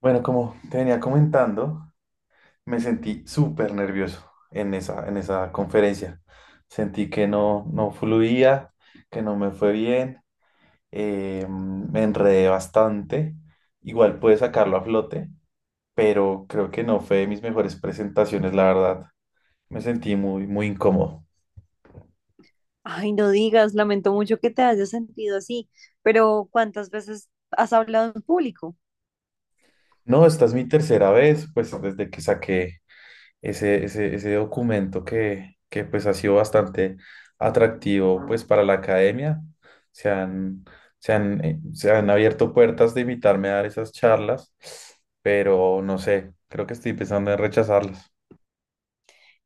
Bueno, como te venía comentando, me sentí súper nervioso en esa conferencia. Sentí que no fluía, que no me fue bien, me enredé bastante. Igual pude sacarlo a flote, pero creo que no fue de mis mejores presentaciones, la verdad. Me sentí muy, muy incómodo. Ay, no digas, lamento mucho que te hayas sentido así, pero ¿cuántas veces has hablado en público? No, esta es mi tercera vez, pues desde que saqué ese documento que pues ha sido bastante atractivo pues para la academia. Se han, se han abierto puertas de invitarme a dar esas charlas, pero no sé, creo que estoy pensando en rechazarlas.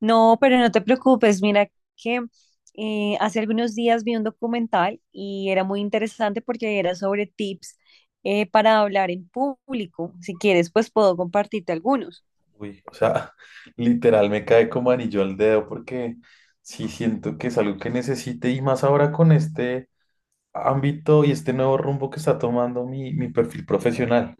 No, pero no te preocupes, mira que hace algunos días vi un documental y era muy interesante porque era sobre tips para hablar en público. Si quieres, pues puedo compartirte algunos. Uy, o sea, literal me cae como anillo al dedo porque sí siento que es algo que necesite y más ahora con este ámbito y este nuevo rumbo que está tomando mi perfil profesional,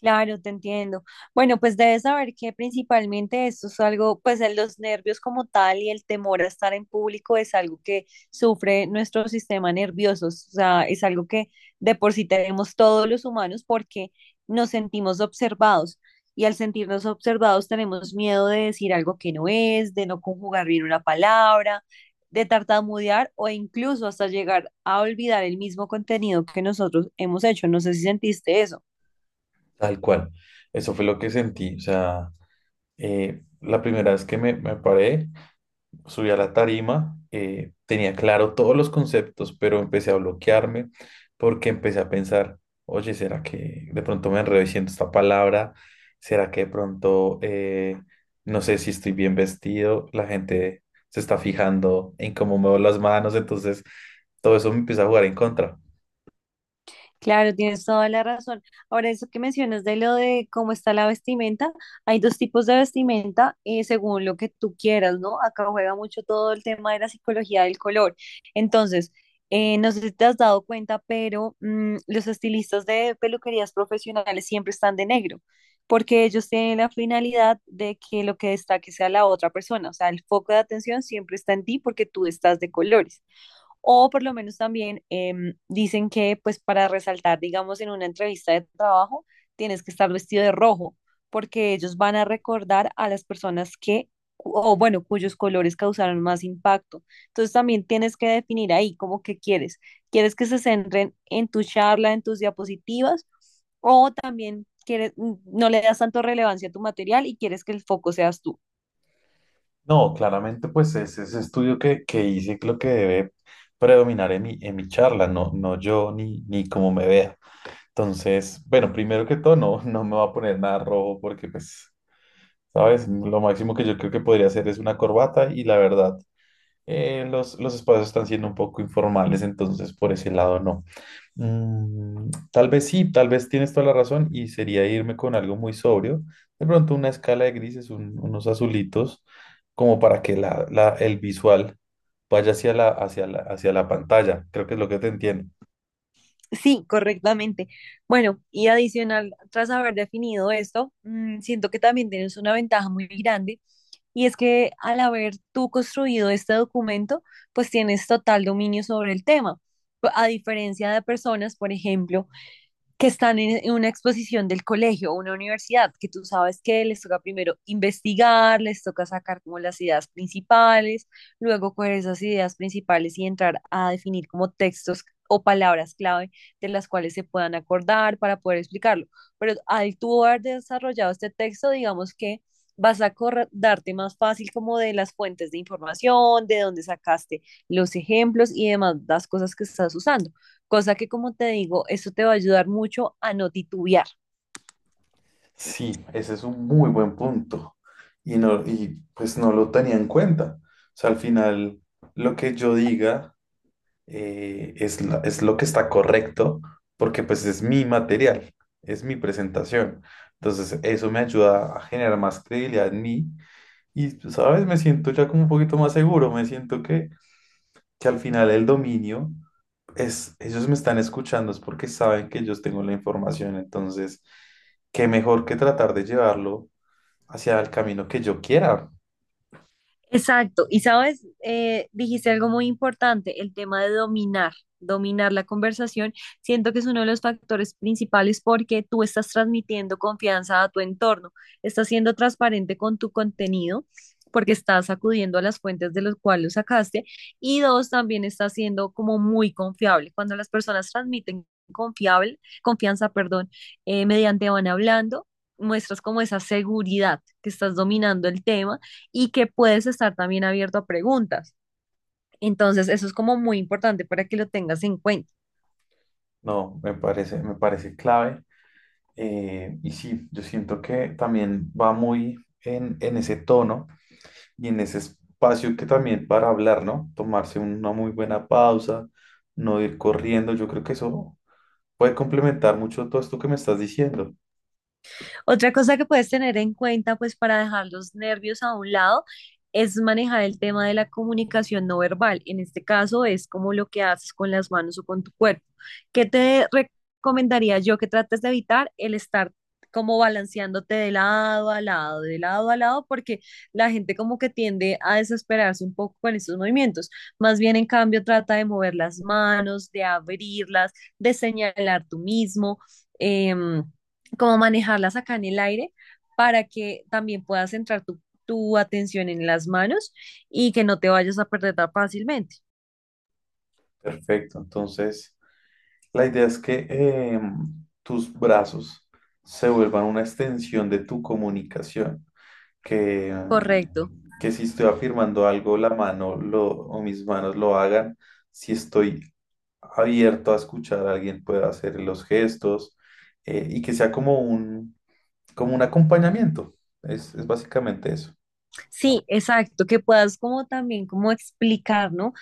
Claro, te entiendo. Bueno, pues debes saber que principalmente esto es algo, pues en los nervios como tal y el temor a estar en público es algo que sufre nuestro sistema nervioso, o sea, es algo que de por sí tenemos todos los humanos porque nos sentimos observados y al sentirnos observados tenemos miedo de decir algo que no es, de no conjugar bien una palabra, de tartamudear o incluso hasta llegar a olvidar el mismo contenido que nosotros hemos hecho. No sé si sentiste eso. tal cual. Eso fue lo que sentí, o sea, la primera vez que me paré, subí a la tarima, tenía claro todos los conceptos, pero empecé a bloquearme porque empecé a pensar, oye, ¿será que de pronto me enredo diciendo esta palabra? ¿Será que de pronto, no sé si estoy bien vestido? La gente se está fijando en cómo muevo las manos, entonces todo eso me empieza a jugar en contra. Claro, tienes toda la razón. Ahora, eso que mencionas de lo de cómo está la vestimenta, hay dos tipos de vestimenta según lo que tú quieras, ¿no? Acá juega mucho todo el tema de la psicología del color. Entonces, no sé si te has dado cuenta, pero los estilistas de peluquerías profesionales siempre están de negro, porque ellos tienen la finalidad de que lo que destaque sea la otra persona, o sea, el foco de atención siempre está en ti porque tú estás de colores. O por lo menos también dicen que pues para resaltar, digamos, en una entrevista de trabajo, tienes que estar vestido de rojo, porque ellos van a recordar a las personas que, o bueno, cuyos colores causaron más impacto. Entonces también tienes que definir ahí como que quieres. ¿Quieres que se centren en tu charla, en tus diapositivas? ¿O también quieres, no le das tanto relevancia a tu material y quieres que el foco seas tú? No, claramente, pues es ese estudio que hice lo que debe predominar en mi charla, no, no yo ni cómo me vea. Entonces, bueno, primero que todo, no me va a poner nada rojo porque, pues, ¿sabes? Lo máximo que yo creo que podría hacer es una corbata y la verdad, los espacios están siendo un poco informales, entonces por ese lado no. Mm, tal vez sí, tal vez tienes toda la razón y sería irme con algo muy sobrio. De pronto una escala de grises, unos azulitos, como para que el visual vaya hacia la pantalla. Creo que es lo que te entiendo. Sí, correctamente. Bueno, y adicional, tras haber definido esto, siento que también tienes una ventaja muy grande y es que al haber tú construido este documento, pues tienes total dominio sobre el tema. A diferencia de personas, por ejemplo, que están en una exposición del colegio o una universidad, que tú sabes que les toca primero investigar, les toca sacar como las ideas principales, luego coger esas ideas principales y entrar a definir como textos o palabras clave de las cuales se puedan acordar para poder explicarlo. Pero al tú haber desarrollado este texto, digamos que vas a acordarte más fácil como de las fuentes de información, de dónde sacaste los ejemplos y demás las cosas que estás usando. Cosa que, como te digo, eso te va a ayudar mucho a no titubear. Sí, ese es un muy buen punto. Y, no, y pues no lo tenía en cuenta. O sea, al final, lo que yo diga es lo que está correcto porque pues es mi material, es mi presentación. Entonces eso me ayuda a generar más credibilidad en mí y, pues, ¿sabes? Me siento ya como un poquito más seguro, me siento que al final el dominio es, ellos me están escuchando, es porque saben que yo tengo la información, entonces, qué mejor que tratar de llevarlo hacia el camino que yo quiera. Exacto. Y sabes, dijiste algo muy importante, el tema de dominar la conversación. Siento que es uno de los factores principales porque tú estás transmitiendo confianza a tu entorno, estás siendo transparente con tu contenido, porque estás acudiendo a las fuentes de las cuales lo sacaste y dos, también estás siendo como muy confiable. Cuando las personas transmiten confianza, perdón, mediante van hablando, muestras como esa seguridad que estás dominando el tema y que puedes estar también abierto a preguntas. Entonces, eso es como muy importante para que lo tengas en cuenta. No, me parece clave. Y sí, yo siento que también va muy en ese tono y en ese espacio que también para hablar, ¿no? Tomarse una muy buena pausa, no ir corriendo, yo creo que eso puede complementar mucho todo esto que me estás diciendo. Otra cosa que puedes tener en cuenta, pues para dejar los nervios a un lado, es manejar el tema de la comunicación no verbal. En este caso es como lo que haces con las manos o con tu cuerpo. ¿Qué te recomendaría yo que trates de evitar el estar como balanceándote de lado a lado, de lado a lado, porque la gente como que tiende a desesperarse un poco con estos movimientos? Más bien, en cambio, trata de mover las manos, de abrirlas, de señalar tú mismo. em, Como manejarlas acá en el aire para que también puedas centrar tu atención en las manos y que no te vayas a perder tan fácilmente. Perfecto, entonces la idea es que tus brazos se vuelvan una extensión de tu comunicación, que, Correcto. que si estoy afirmando algo, la mano lo, o mis manos lo hagan si estoy abierto a escuchar a alguien pueda hacer los gestos y que sea como un acompañamiento. Es básicamente eso. Sí, exacto, que puedas como también como explicar, ¿no?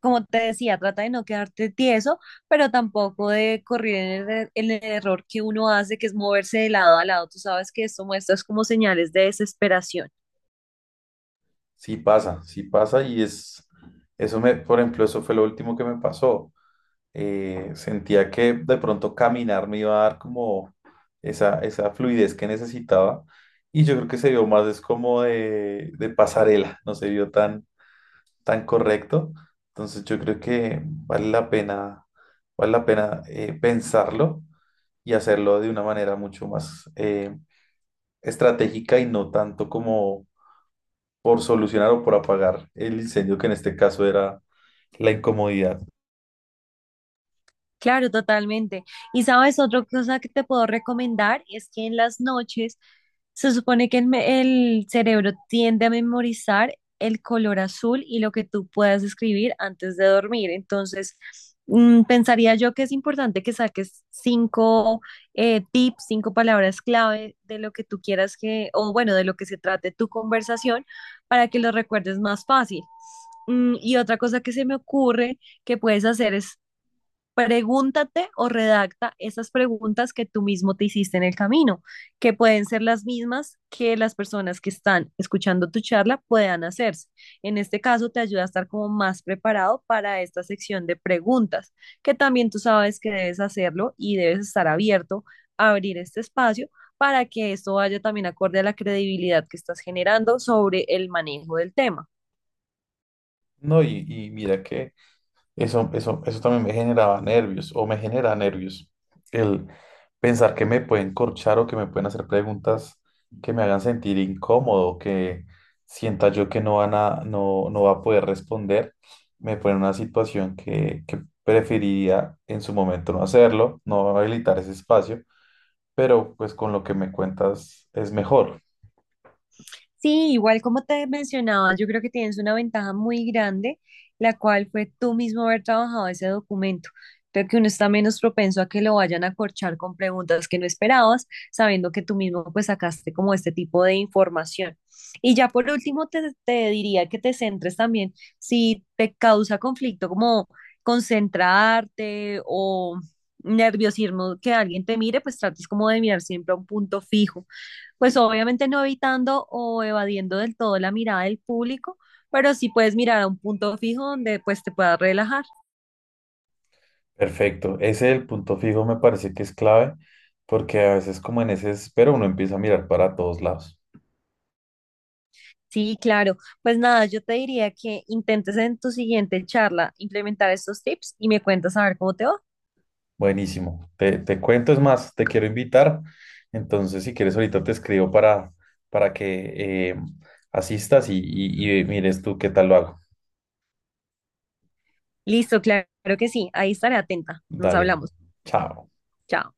Como te decía, trata de no quedarte tieso, pero tampoco de correr en en el error que uno hace, que es moverse de lado a lado. Tú sabes que esto muestras como señales de desesperación. Sí pasa y es, eso me, por ejemplo, eso fue lo último que me pasó. Sentía que de pronto caminar me iba a dar como esa fluidez que necesitaba y yo creo que se vio más es como de pasarela, no se vio tan tan correcto. Entonces yo creo que vale la pena pensarlo y hacerlo de una manera mucho más estratégica y no tanto como por solucionar o por apagar el incendio, que en este caso era la incomodidad. Claro, totalmente. Y sabes, otra cosa que te puedo recomendar es que en las noches se supone que el cerebro tiende a memorizar el color azul y lo que tú puedas escribir antes de dormir. Entonces, pensaría yo que es importante que saques cinco tips, cinco palabras clave de lo que tú quieras que, o bueno, de lo que se trate tu conversación para que lo recuerdes más fácil. Mm, y otra cosa que se me ocurre que puedes hacer es: pregúntate o redacta esas preguntas que tú mismo te hiciste en el camino, que pueden ser las mismas que las personas que están escuchando tu charla puedan hacerse. En este caso, te ayuda a estar como más preparado para esta sección de preguntas, que también tú sabes que debes hacerlo y debes estar abierto a abrir este espacio para que esto vaya también acorde a la credibilidad que estás generando sobre el manejo del tema. No, y mira que eso también me generaba nervios o me genera nervios. El pensar que me pueden corchar o que me pueden hacer preguntas que me hagan sentir incómodo, que sienta yo que no van a, no, no va a poder responder, me pone en una situación que preferiría en su momento no hacerlo, no habilitar ese espacio, pero pues con lo que me cuentas es mejor. Sí, igual como te mencionaba, yo creo que tienes una ventaja muy grande, la cual fue tú mismo haber trabajado ese documento. Creo que uno está menos propenso a que lo vayan a corchar con preguntas que no esperabas, sabiendo que tú mismo pues sacaste como este tipo de información. Y ya por último te diría que te centres también si te causa conflicto como concentrarte o nerviosismo que alguien te mire, pues trates como de mirar siempre a un punto fijo, pues obviamente no evitando o evadiendo del todo la mirada del público, pero sí puedes mirar a un punto fijo donde pues te puedas relajar. Perfecto. Ese el punto fijo me parece que es clave porque a veces como en ese espero uno empieza a mirar para todos lados. Sí, claro. Pues nada, yo te diría que intentes en tu siguiente charla implementar estos tips y me cuentas a ver cómo te va. Buenísimo. Te cuento, es más, te quiero invitar. Entonces, si quieres, ahorita te escribo para que asistas y mires tú qué tal lo hago. Listo, claro que sí. Ahí estaré atenta. Nos Dale. hablamos. Chao. Chao.